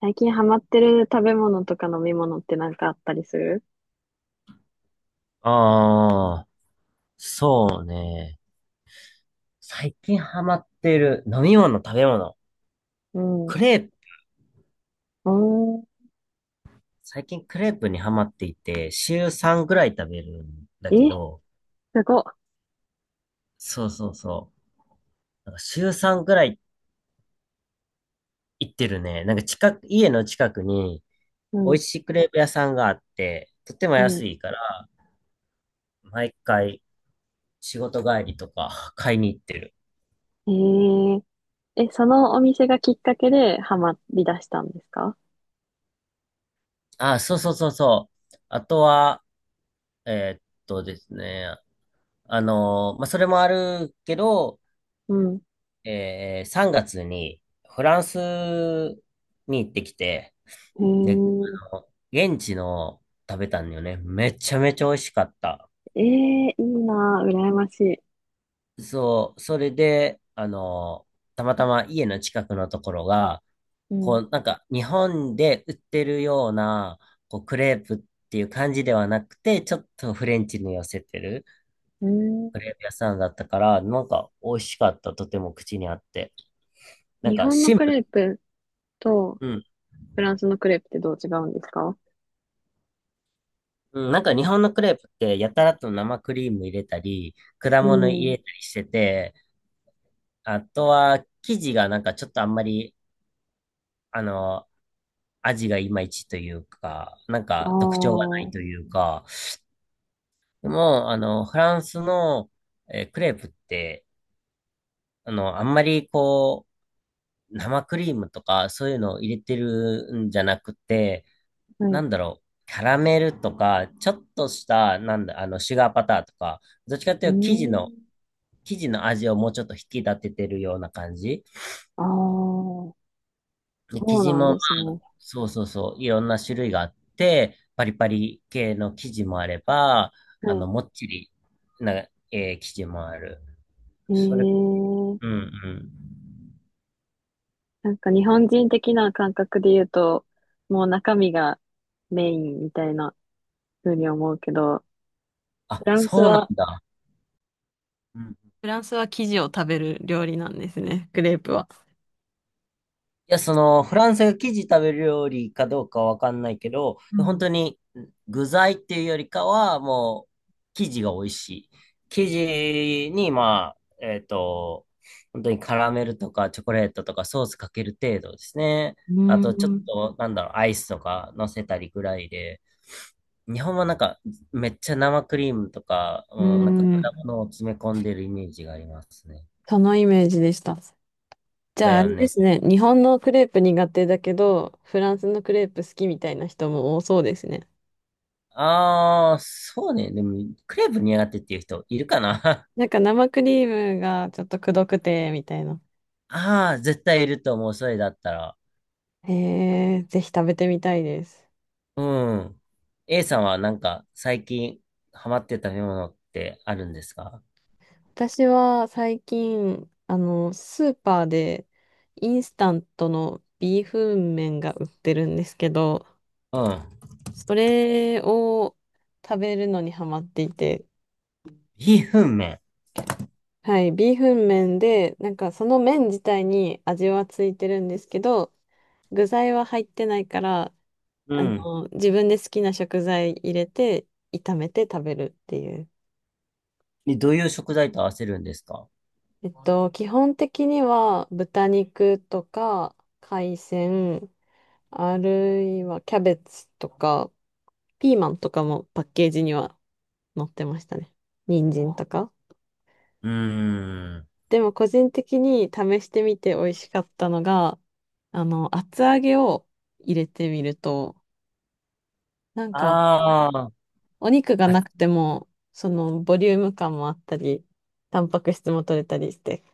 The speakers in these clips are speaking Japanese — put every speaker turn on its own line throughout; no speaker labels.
最近ハマってる食べ物とか飲み物ってなんかあったりする？
ああ、そうね。最近ハマってる飲み物、食べ物。
うん。
クレープ、
おー。
最近クレープにハマっていて、週3ぐらい食べるんだ
え、
けど、
すごっ。
そうそうそう。なんか週3ぐらい行ってるね。なんか近く、家の近くに美味
ん。
しいクレープ屋さんがあって、とっても
うん。
安いから、毎回仕事帰りとか買いに行ってる。
うん。え、そのお店がきっかけでハマり出したんですか？
あ、そうそうそうそう。あとは、ですね。それもあるけど、
うん。
3月にフランスに行ってきて、
え
で、
ー、
あの現地の食べたんだよね。めちゃめちゃ美味しかった。
えー、いいなぁ、羨ましい。
そう、それで、たまたま家の近くのところが、
う
こ
ん。
う、なんか日本で売ってるような、こう、クレープっていう感じではなくて、ちょっとフレンチに寄せてる
うん。
クレープ屋さんだったから、なんか美味しかった。とても口にあって。なん
日
か
本の
シン
ク
プル。
レープとフランスのクレープってどう違うんですか？
うん、なんか日本のクレープってやたらと生クリーム入れたり、果
う
物入
ん。
れたりしてて、あとは生地がなんかちょっとあんまり、あの、味がいまいちというか、なん
ああ。
か特徴がないと
は
いうか、でも、フランスの、クレープって、あんまりこう、生クリームとかそういうのを入れてるんじゃなくて、なん
い。
だろう、キャラメルとか、ちょっとした、なんだ、シュガーパターとか、どっちかってい
う
うと生地の、
ん。
生地の味をもうちょっと引き立ててるような感じ。
ああ。そ
で、生
う
地
なん
も、
ですね。
そうそうそう、いろんな種類があって、パリパリ系の生地もあれば、
は
もっちりな、生地もある。
い。
それ、
え
うんう
え。
ん。
なんか日本人的な感覚で言うと、もう中身がメインみたいな風に思うけど、フ
あ、
ランス
そうな
は、
んだ。うん、
フランスは生地を食べる料理なんですね、クレープは。
いや、その、フランスが生地食べる料理かどうかわかんないけど、
う
本
ん、
当に具材っていうよりかは、もう、生地が美味しい。生地に、まあ、本当にカラメルとかチョコレートとかソースかける程度ですね。
う
あ
ー
と、ちょっ
ん、
と、なんだろう、アイスとか乗せたりぐらいで、日本はなんか、めっちゃ生クリームとか、
うー
うん、なんか果
ん。
物を詰め込んでるイメージがありますね。
そのイメージでした。じ
だ
ゃああ
よ
れで
ね。
すね、日本のクレープ苦手だけど、フランスのクレープ好きみたいな人も多そうですね。
ああ、そうね。でも、クレープ苦手っていう人いるかな？
なんか生クリームがちょっとくどくて、みたいな。
ああ、絶対いると思う。それだったら。
へえ、ぜひ食べてみたいです。
うん。A さんはなんか最近ハマってた食べ物ってあるんですか？
私は最近、スーパーでインスタントのビーフン麺が売ってるんですけど、
うん。
それを食べるのにハマっていて、
ビーフン麺。
はい、ビーフン麺で、なんかその麺自体に味はついてるんですけど、具材は入ってないから、
うん。
自分で好きな食材入れて炒めて食べるっていう。
でどういう食材と合わせるんですか？
基本的には豚肉とか海鮮、あるいはキャベツとか、ピーマンとかもパッケージには載ってましたね。人参とか。
うーん。
でも個人的に試してみて美味しかったのが、厚揚げを入れてみると、なんか
ああ。
お肉が
あ、
なくても、そのボリューム感もあったり、タンパク質も取れたりして、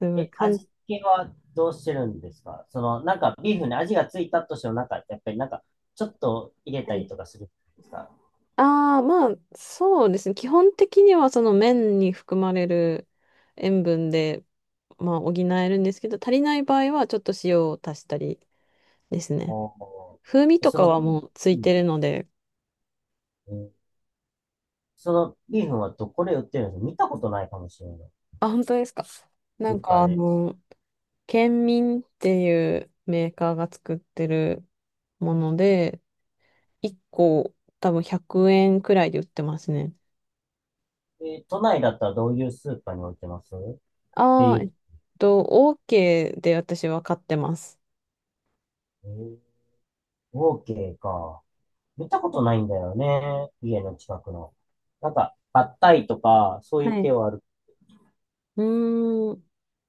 すごい
え、
簡
味付けはどうしてるんですか？その、なんかビーフンに味がついたとしても、なんか、やっぱりなんか、ちょっと入れたり
単、
とかするんですか？
ああ、まあ、そうですね。基本的にはその麺に含まれる塩分で、まあ、補えるんですけど、足りない場合はちょっと塩を足したりですね。
おー、
風味
え
と
そ
か
の
は
ビー
もうつ
フ
いて
ン、
るので、
うんそのビーフンはどこで売ってるんですか？見たことないかもしれない。
あ、本当ですか。な
ス
ん
ーパ
か
ーで。
県民っていうメーカーが作ってるもので、1個多分100円くえんくらいで売ってますね。
え都内だったらどういうスーパーに置いてますって
あ
い
あ、
う。
と、OK で私は買ってます。
えー、オーケーか。見たことないんだよね。家の近くの。なんか、パッタイとか、そうい
は
う
い。う
系はある。
ーん。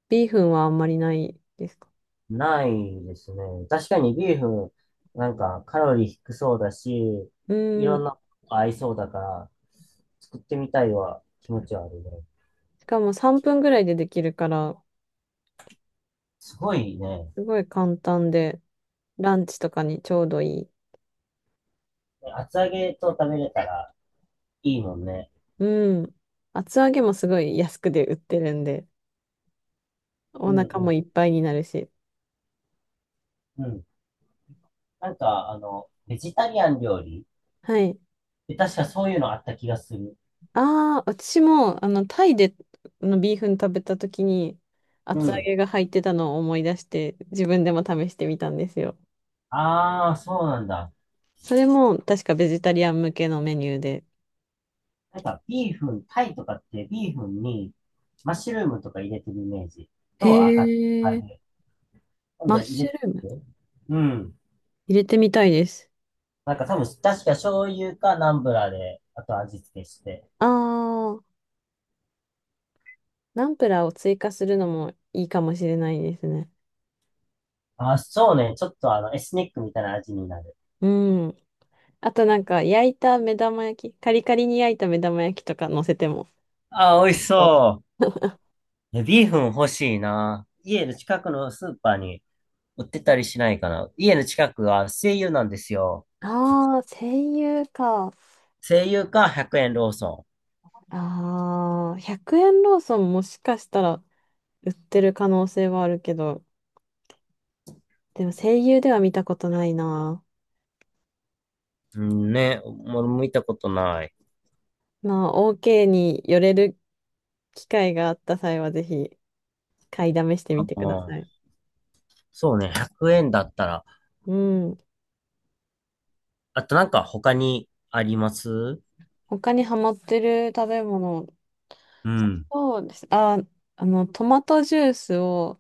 ビーフンはあんまりないですか？
ないですね。確かにビーフン、なんかカロリー低そうだし、
う
いろん
ん。
なこと合いそうだから、作ってみたいは気持ちはあるね。
しかも3分ぐらいでできるから、
すごいね。
すごい簡単で、ランチとかにちょうどいい。
厚揚げと食べれたらいいもんね。
うん。厚揚げもすごい安くで売ってるんで、
う
お
ん
腹も
う
いっぱいになるし。
ん。うん。なんか、ベジタリアン料理
はい。
で確かそういうのあった気がする。
ああ、私も、タイでのビーフン食べた時に、
う
厚揚
ん。
げが入ってたのを思い出して、自分でも試してみたんですよ。
ああ、そうなんだ。
それも、確かベジタリアン向けのメニューで。
なんか、ビーフン、タイとかってビーフンにマッシュルームとか入れてるイメージ
へ
と赤、あ
え、
れ、今
マ
度
ッ
入れ
シュ
て
ルーム
る、うん。
入れてみたいです。
なんか多分、確か醤油かナンブラーで、あと味付けして。
ああ、ナンプラーを追加するのもいいかもしれないですね。
あそうね。ちょっとエスニックみたいな味になる。
うん。あとなんか焼いた目玉焼き、カリカリに焼いた目玉焼きとか乗せても。
ああ、美味し
そう
そう。えビーフン欲しいな。家の近くのスーパーに売ってたりしないかな。家の近くは西友なんですよ。
ああ、声優か。
西友か100円ローソ
ああ、100円ローソンもしかしたら売ってる可能性はあるけど、でも声優では見たことないな。
ン。うんね、もも見たことない。
まあ、OK に寄れる機会があった際はぜひ買いだめして
う
みてくだ
ん、
さい。
そうね、100円だったら。
うん。
あとなんか他にあります？
他にハマってる食べ物？
うん。
そうです。あ、トマトジュースを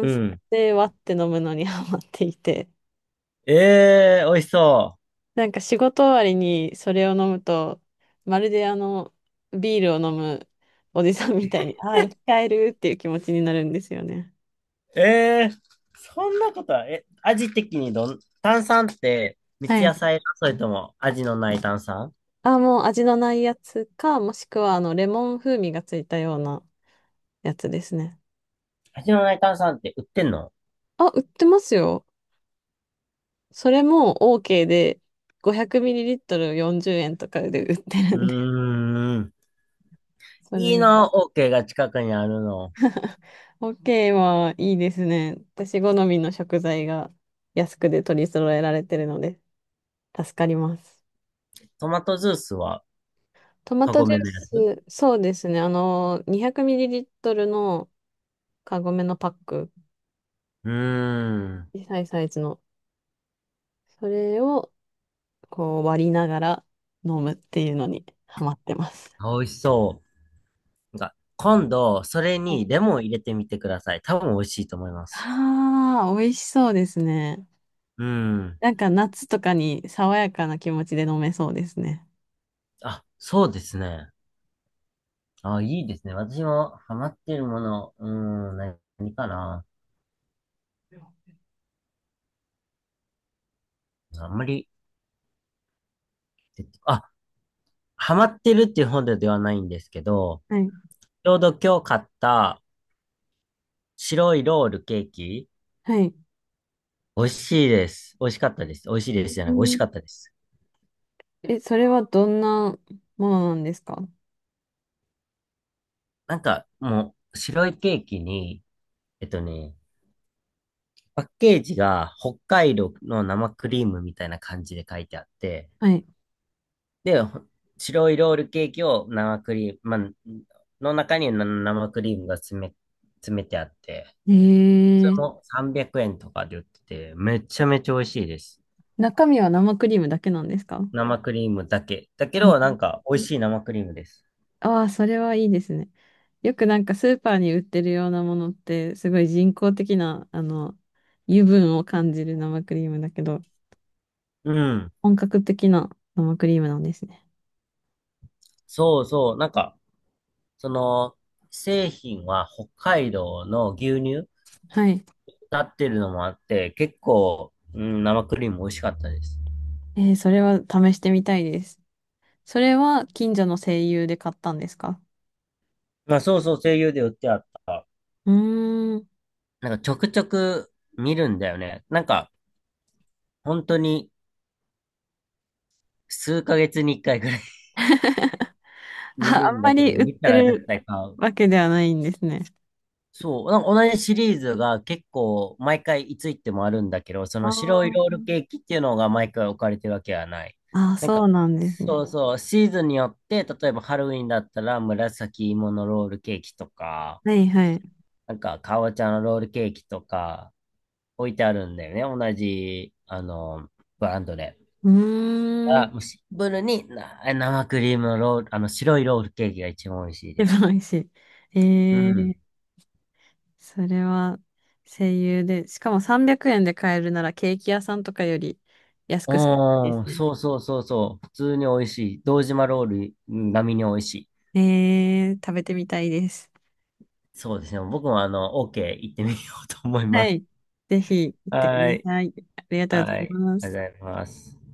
う
酸
ん。
で割って飲むのに ハマっていて、
ええー、美味しそ
なんか仕事終わりにそれを飲むと、まるでビールを飲むおじさんみたいに、ああ、生き返るっていう気持ちになるんですよね。
う。ええー、そんなことは、え、味的にどん、炭酸って三
は
ツ矢
い。
サイダーそれとも味のない炭酸？
あ、もう味のないやつか、もしくはレモン風味がついたようなやつですね。
味のない炭酸って売ってんの？
あ、売ってますよ。それも OK で、500ml40 円とかで売って
う
るんで。
ーん。
そ
いい
れ
な、オーケーが近くにあるの。
ホッケーはいいですね。私好みの食材が安くで取り揃えられてるので助かります。
トマトジュースは、
トマ
カ
ト
ゴ
ジュー
メのやつ？
ス、そうですね。200ml のカゴメのパック、
うーん。
小さいサイズの、それをこう割りながら飲むっていうのにハマってます。
美味しそう。なんか、今度、それに
は
レモン入れてみてください。多分美味しいと思います。
あー、美味しそうですね。
うん。
なんか夏とかに爽やかな気持ちで飲めそうですね。
あ、そうですね。あ、いいですね。私もハマってるもの、うーん、何何かな。あんまり、えっとあ、ハマってるっていうほどではないんですけど、
はい。
ちょうど今日買った白いロールケーキ、
はい。
美味しいです。美味しかったです。美味しい
う
ですじゃなく、美味し
ん。
かったです。
え、それはどんなものなんですか？
なんか、もう、白いケーキに、えっとね、パッケージが北海道の生クリームみたいな感じで書いてあって、
はい。
で、ほ白いロールケーキを生クリーム、まあ、の中にな生クリームが詰め、詰めてあって、
え
それ
ー、
も300円とかで売ってて、めちゃめちゃ美味しいです。
中身は生クリームだけなんですか？
生クリームだけ。だけど、なんか、美味しい生クリームです。
ああー、それはいいですね。よくなんかスーパーに売ってるようなものって、すごい人工的な、油分を感じる生クリームだけど、
うん。
本格的な生クリームなんですね。
そうそう。なんか、その、製品は北海道の牛乳
はい。
なってるのもあって、結構、うん、生クリーム美味しかったです。
えー、それは試してみたいです。それは近所の声優で買ったんですか？
まあそうそう、声優で売ってあった。
うーん。
なんかちょくちょく見るんだよね。なんか、本当に数ヶ月に一回ぐらい 見
あ、あ
る
ん
ん
ま
だけど、
り売っ
見た
て
ら絶
る
対買う。
わけではないんですね。
そう、なんか同じシリーズが結構毎回いつ行ってもあるんだけど、その白いロー
あ
ルケーキっていうのが毎回置かれてるわけはない。
あ、あ、
なん
そう
か、
なんです
そ
ね。
うそう、シーズンによって、例えばハロウィンだったら紫芋のロールケーキとか、
はいはい。
なんか、かぼちゃのロールケーキとか置いてあるんだよね。同じ、ブランドで。
うー
あ、
ん。
もうシンプルにな生クリームのロール、白いロールケーキが一番美味しい
で
で
美
す。
味しい。え
うん。
ー、それは声優で、しかも300円で買えるならケーキ屋さんとかより安くするんで
おー、
すね。
そうそうそうそう。普通に美味しい。堂島ロールうん並みに美味しい。
えー、食べてみたいです。
そうですね。僕もあの、OK 行ってみようと思いま
はい。
す。
ぜひ行ってく
は
だ
い。
さい。ありがとう
は
ご
い。
ざいま
あり
す。
がとうございます。